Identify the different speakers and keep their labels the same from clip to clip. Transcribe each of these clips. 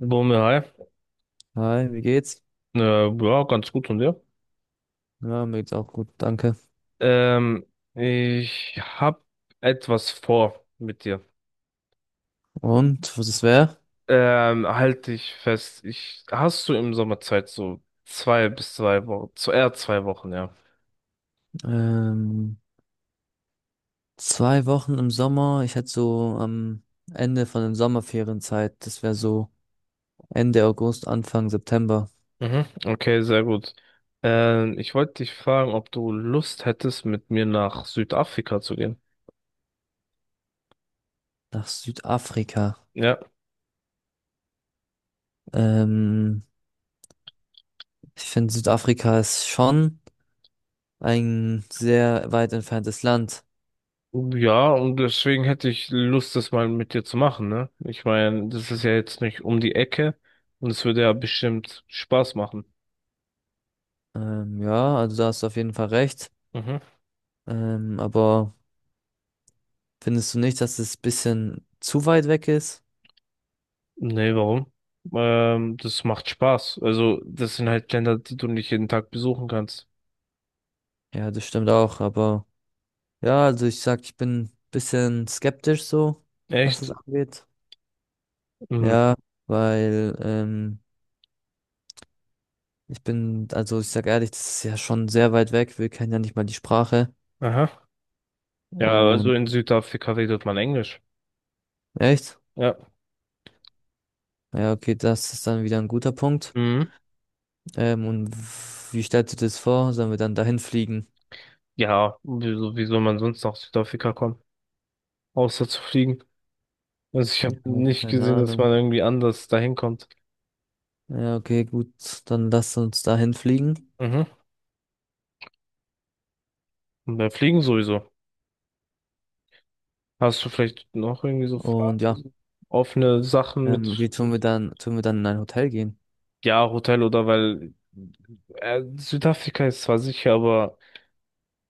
Speaker 1: Bumi, hi.
Speaker 2: Hi, wie geht's?
Speaker 1: Ja, ganz gut und dir?
Speaker 2: Ja, mir geht's auch gut, danke.
Speaker 1: Ähm, ich habe etwas vor mit dir.
Speaker 2: Und was es wäre?
Speaker 1: Halt dich fest. Hast du im Sommer Zeit, so zwei bis zwei Wochen, zu eher zwei Wochen, ja.
Speaker 2: Ähm, 2 Wochen im Sommer. Ich hätte so am Ende von den Sommerferienzeit, das wäre so Ende August, Anfang September,
Speaker 1: Mhm. Okay, sehr gut. Ich wollte dich fragen, ob du Lust hättest, mit mir nach Südafrika zu gehen.
Speaker 2: nach Südafrika.
Speaker 1: Ja.
Speaker 2: Ähm, Ich finde, Südafrika ist schon ein sehr weit entferntes Land.
Speaker 1: Ja, und deswegen hätte ich Lust, das mal mit dir zu machen, ne? Ich meine, das ist ja jetzt nicht um die Ecke und es würde ja bestimmt Spaß machen.
Speaker 2: Ja, also da hast du auf jeden Fall recht.
Speaker 1: Mhm.
Speaker 2: Aber findest du nicht, dass es bisschen zu weit weg ist?
Speaker 1: Nee, warum? Das macht Spaß. Also, das sind halt Länder, die du nicht jeden Tag besuchen kannst.
Speaker 2: Ja, das stimmt auch, aber. Ja, also ich sag, ich bin ein bisschen skeptisch so, was
Speaker 1: Echt?
Speaker 2: es angeht.
Speaker 1: Mhm.
Speaker 2: Ja, weil ich bin, also ich sag ehrlich, das ist ja schon sehr weit weg. Wir kennen ja nicht mal die Sprache.
Speaker 1: Aha. Ja, also
Speaker 2: Und
Speaker 1: in Südafrika redet man Englisch.
Speaker 2: echt?
Speaker 1: Ja.
Speaker 2: Ja, okay, das ist dann wieder ein guter Punkt.
Speaker 1: Mhm.
Speaker 2: Und wie stellst du dir das vor? Sollen wir dann dahin fliegen?
Speaker 1: Ja, wieso, wie soll man sonst nach Südafrika kommen? Außer zu fliegen. Also ich habe
Speaker 2: Ja,
Speaker 1: nicht
Speaker 2: keine
Speaker 1: gesehen, dass man
Speaker 2: Ahnung.
Speaker 1: irgendwie anders dahin kommt.
Speaker 2: Ja, okay, gut, dann lass uns dahin fliegen.
Speaker 1: Mhm. Und bei Fliegen sowieso. Hast du vielleicht noch irgendwie so Fragen,
Speaker 2: Und ja,
Speaker 1: so offene Sachen mit,
Speaker 2: wie tun wir dann in ein Hotel gehen?
Speaker 1: ja, Hotel oder weil Südafrika ist zwar sicher, aber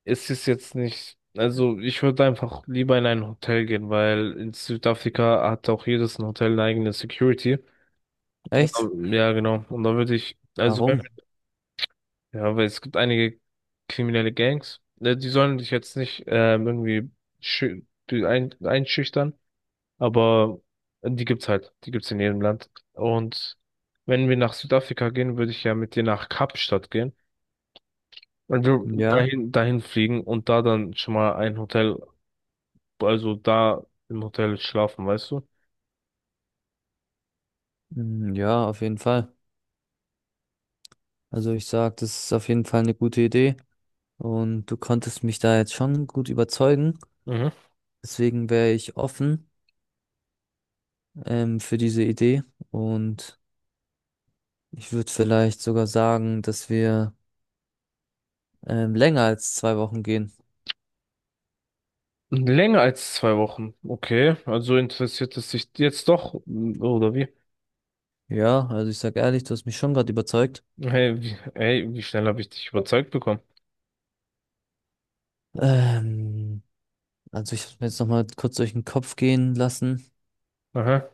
Speaker 1: ist es jetzt nicht. Also ich würde einfach lieber in ein Hotel gehen, weil in Südafrika hat auch jedes ein Hotel eine eigene Security. Und,
Speaker 2: Echt?
Speaker 1: ja, genau. Und da würde ich, also wenn,
Speaker 2: Warum?
Speaker 1: ja, weil es gibt einige kriminelle Gangs, ne, die sollen dich jetzt nicht irgendwie schü- die einschüchtern, aber die gibt's halt, die gibt's in jedem Land. Und wenn wir nach Südafrika gehen, würde ich ja mit dir nach Kapstadt gehen. Und wir
Speaker 2: Ja,
Speaker 1: dahin fliegen und da dann schon mal ein Hotel also da im Hotel schlafen, weißt du?
Speaker 2: Ja, auf jeden Fall. Also ich sag, das ist auf jeden Fall eine gute Idee und du konntest mich da jetzt schon gut überzeugen.
Speaker 1: Mhm.
Speaker 2: Deswegen wäre ich offen für diese Idee und ich würde vielleicht sogar sagen, dass wir länger als 2 Wochen gehen.
Speaker 1: Länger als zwei Wochen. Okay, also interessiert es dich jetzt doch, oder wie?
Speaker 2: Ja, also ich sag ehrlich, du hast mich schon gerade überzeugt.
Speaker 1: Hey, hey, wie schnell habe ich dich überzeugt bekommen?
Speaker 2: Ähm, also ich habe mir jetzt nochmal kurz durch den Kopf gehen lassen.
Speaker 1: Aha.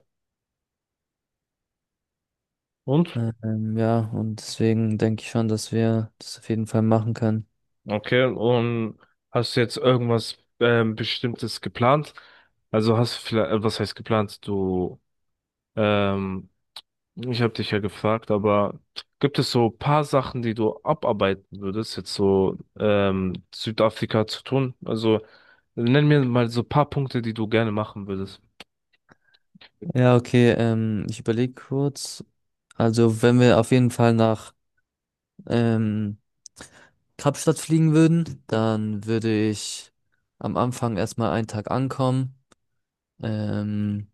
Speaker 1: Und?
Speaker 2: Ja, und deswegen denke ich schon, dass wir das auf jeden Fall machen können.
Speaker 1: Okay, und hast du jetzt irgendwas Bestimmtes geplant? Also hast du vielleicht, was heißt geplant? Du ähm, Ich habe dich ja gefragt, aber gibt es so paar Sachen, die du abarbeiten würdest, jetzt so Südafrika zu tun? Also nenn mir mal so paar Punkte, die du gerne machen würdest.
Speaker 2: Ja, okay, ich überlege kurz. Also, wenn wir auf jeden Fall nach ähm, Kapstadt fliegen würden, dann würde ich am Anfang erstmal einen Tag ankommen ähm,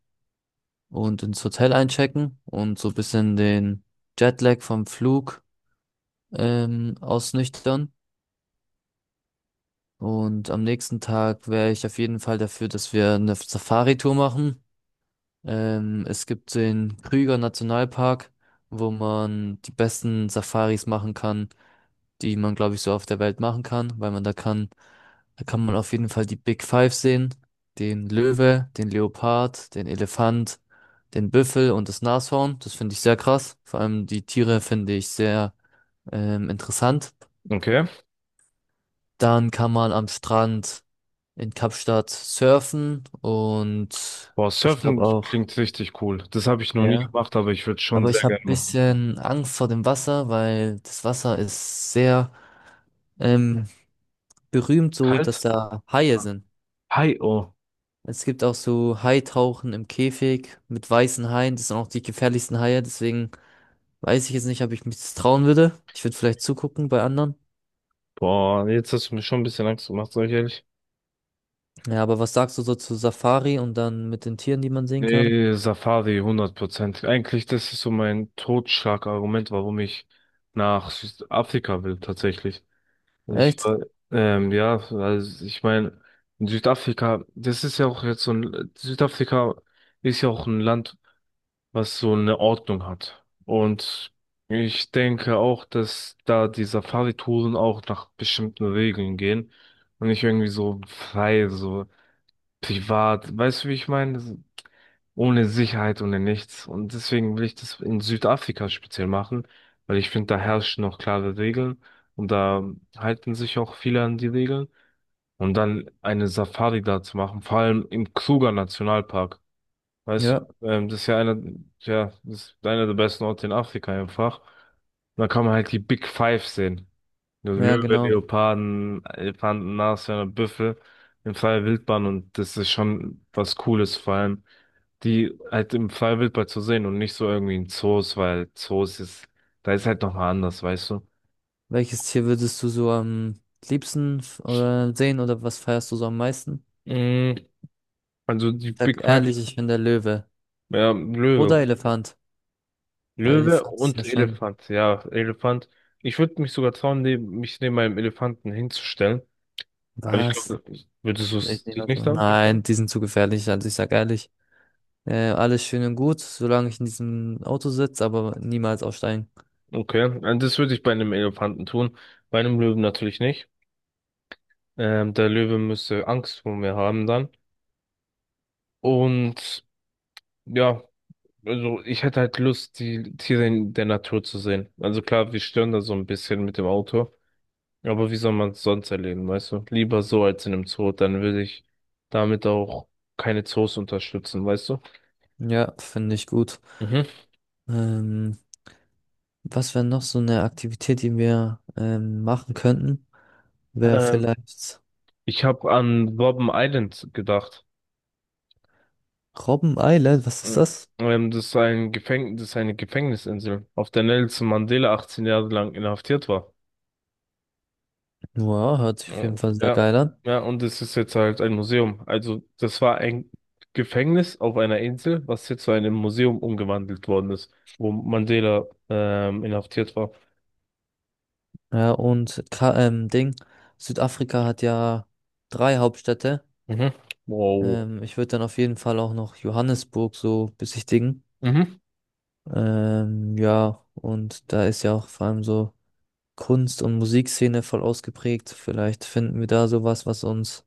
Speaker 2: und ins Hotel einchecken und so ein bisschen den Jetlag vom Flug ausnüchtern. Und am nächsten Tag wäre ich auf jeden Fall dafür, dass wir eine Safari-Tour machen. Es gibt den Krüger Nationalpark, wo man die besten Safaris machen kann, die man, glaube ich, so auf der Welt machen kann, weil man da kann man auf jeden Fall die Big Five sehen, den Löwe, den Leopard, den Elefant, den Büffel und das Nashorn. Das finde ich sehr krass. Vor allem die Tiere finde ich sehr interessant.
Speaker 1: Okay.
Speaker 2: Dann kann man am Strand in Kapstadt surfen und
Speaker 1: Boah,
Speaker 2: ich glaube
Speaker 1: Surfen
Speaker 2: auch,
Speaker 1: klingt richtig cool. Das habe ich noch nie
Speaker 2: ja.
Speaker 1: gemacht, aber ich würde schon
Speaker 2: Aber ich
Speaker 1: sehr
Speaker 2: habe
Speaker 1: gerne
Speaker 2: ein
Speaker 1: machen.
Speaker 2: bisschen Angst vor dem Wasser, weil das Wasser ist sehr ähm, berühmt so, dass
Speaker 1: Kalt?
Speaker 2: da Haie
Speaker 1: Ja.
Speaker 2: sind.
Speaker 1: Hi, oh.
Speaker 2: Es gibt auch so Haitauchen im Käfig mit weißen Haien. Das sind auch die gefährlichsten Haie. Deswegen weiß ich jetzt nicht, ob ich mich das trauen würde. Ich würde vielleicht zugucken bei anderen.
Speaker 1: Boah, jetzt hast du mir schon ein bisschen Angst gemacht, sag ich ehrlich.
Speaker 2: Ja, aber was sagst du so zu Safari und dann mit den Tieren, die man sehen kann?
Speaker 1: Nee, Safari 100%. Eigentlich, das ist so mein Totschlagargument, warum ich nach Südafrika will, tatsächlich. Also Ich
Speaker 2: Echt?
Speaker 1: war, ja, also ich meine, in Südafrika, das ist ja auch jetzt Südafrika ist ja auch ein Land, was so eine Ordnung hat. Und ich denke auch, dass da die Safari-Touren auch nach bestimmten Regeln gehen und nicht irgendwie so frei, so privat. Weißt du, wie ich meine? Ohne Sicherheit, ohne nichts. Und deswegen will ich das in Südafrika speziell machen, weil ich finde, da herrschen noch klare Regeln und da halten sich auch viele an die Regeln. Und dann eine Safari da zu machen, vor allem im Kruger Nationalpark. Weißt
Speaker 2: Ja,
Speaker 1: du, das ist ja einer, ja, das ist einer der besten Orte in Afrika einfach. Und da kann man halt die Big Five sehen. Also
Speaker 2: ja,
Speaker 1: Löwe,
Speaker 2: genau.
Speaker 1: Leoparden, Elefanten, Nashörner, Büffel in freier Wildbahn und das ist schon was Cooles, vor allem die halt im freier Wildbahn zu sehen und nicht so irgendwie in Zoos, weil Zoos ist, da ist halt nochmal anders, weißt du?
Speaker 2: Welches Tier würdest du so am liebsten oder sehen oder was feierst du so am meisten?
Speaker 1: Mm, also die
Speaker 2: Sag
Speaker 1: Big Five,
Speaker 2: ehrlich, ich bin der Löwe.
Speaker 1: ja, Löwe.
Speaker 2: Oder Elefant. Weil
Speaker 1: Löwe
Speaker 2: Elefant ist
Speaker 1: und
Speaker 2: ja schon.
Speaker 1: Elefant, ja, Elefant. Ich würde mich sogar trauen, mich neben meinem Elefanten hinzustellen. Aber ich
Speaker 2: Was?
Speaker 1: glaube, würdest du
Speaker 2: Ich
Speaker 1: es
Speaker 2: nehme
Speaker 1: dich
Speaker 2: das
Speaker 1: nicht
Speaker 2: mal.
Speaker 1: trauen?
Speaker 2: Nein, die sind zu gefährlich. Also ich sag ehrlich. Alles schön und gut, solange ich in diesem Auto sitze, aber niemals aussteigen.
Speaker 1: Okay, also das würde ich bei einem Elefanten tun, bei einem Löwen natürlich nicht. Der Löwe müsste Angst vor mir haben dann. Und ja, also ich hätte halt Lust, die Tiere in der Natur zu sehen. Also klar, wir stören da so ein bisschen mit dem Auto, aber wie soll man es sonst erleben, weißt du? Lieber so als in einem Zoo, dann würde ich damit auch keine Zoos unterstützen, weißt du?
Speaker 2: Ja, finde ich gut.
Speaker 1: Mhm.
Speaker 2: Ähm, Was wäre noch so eine Aktivität, die wir machen könnten? Wäre
Speaker 1: Ähm,
Speaker 2: vielleicht
Speaker 1: ich habe an Robben Island gedacht.
Speaker 2: Robben Island. Was ist
Speaker 1: Mhm.
Speaker 2: das?
Speaker 1: Das ist ein Gefäng das ist eine Gefängnisinsel, auf der Nelson Mandela 18 Jahre lang inhaftiert war.
Speaker 2: Ja, hört sich auf jeden
Speaker 1: Oh,
Speaker 2: Fall sehr
Speaker 1: ja,
Speaker 2: geil an.
Speaker 1: ja, und es ist jetzt halt ein Museum. Also, das war ein Gefängnis auf einer Insel, was jetzt zu einem Museum umgewandelt worden ist, wo Mandela inhaftiert war.
Speaker 2: Ja, und Südafrika hat ja drei Hauptstädte.
Speaker 1: Mhm. Wow.
Speaker 2: Ich würde dann auf jeden Fall auch noch Johannesburg so besichtigen.
Speaker 1: Mhm.
Speaker 2: Ja, und da ist ja auch vor allem so Kunst- und Musikszene voll ausgeprägt. Vielleicht finden wir da sowas, was uns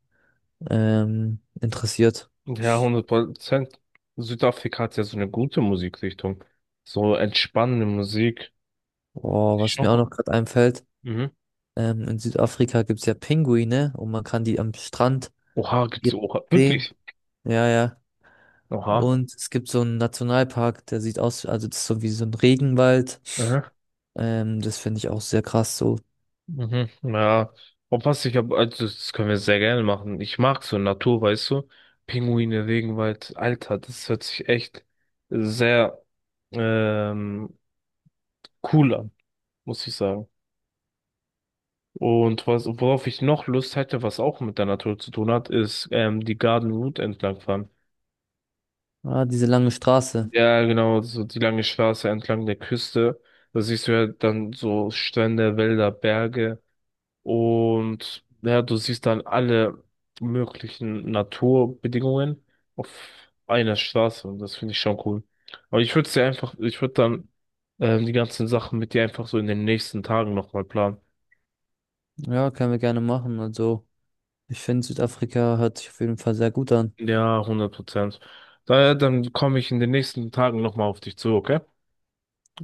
Speaker 2: interessiert.
Speaker 1: Ja, hundert Prozent. Südafrika hat ja so eine gute Musikrichtung. So entspannende Musik. Die
Speaker 2: Boah,
Speaker 1: ist
Speaker 2: was
Speaker 1: schon
Speaker 2: mir auch
Speaker 1: gut.
Speaker 2: noch gerade einfällt,
Speaker 1: Mhm.
Speaker 2: in Südafrika gibt's ja Pinguine und man kann die am Strand
Speaker 1: Oha, gibt's oha?
Speaker 2: sehen.
Speaker 1: Wirklich?
Speaker 2: Ja, ja.
Speaker 1: Oha.
Speaker 2: Und es gibt so einen Nationalpark, der sieht aus, also das ist so wie so ein Regenwald.
Speaker 1: Mhm.
Speaker 2: Das finde ich auch sehr krass so.
Speaker 1: Mhm, ja, und was ich hab, also das können wir sehr gerne machen. Ich mag so Natur, weißt du? Pinguine, Regenwald, Alter, das hört sich echt sehr ähm, cool an, muss ich sagen. Und was, worauf ich noch Lust hätte, was auch mit der Natur zu tun hat, ist die Garden Route entlangfahren.
Speaker 2: Ah, diese lange Straße.
Speaker 1: Ja, genau, so die lange Straße entlang der Küste. Da siehst du ja dann so Strände, Wälder, Berge. Und ja, du siehst dann alle möglichen Naturbedingungen auf einer Straße und das finde ich schon cool. Aber ich würde es dir einfach, ich würde dann die ganzen Sachen mit dir einfach so in den nächsten Tagen nochmal planen.
Speaker 2: Ja, können wir gerne machen. Also, ich finde, Südafrika hört sich auf jeden Fall sehr gut an.
Speaker 1: Ja, hundert Prozent. Daher, dann komme ich in den nächsten Tagen nochmal auf dich zu, okay?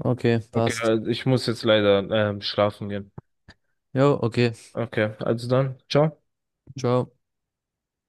Speaker 2: Okay,
Speaker 1: Okay,
Speaker 2: passt.
Speaker 1: also ich muss jetzt leider schlafen gehen.
Speaker 2: Jo, okay.
Speaker 1: Okay, also dann, ciao.
Speaker 2: Ciao.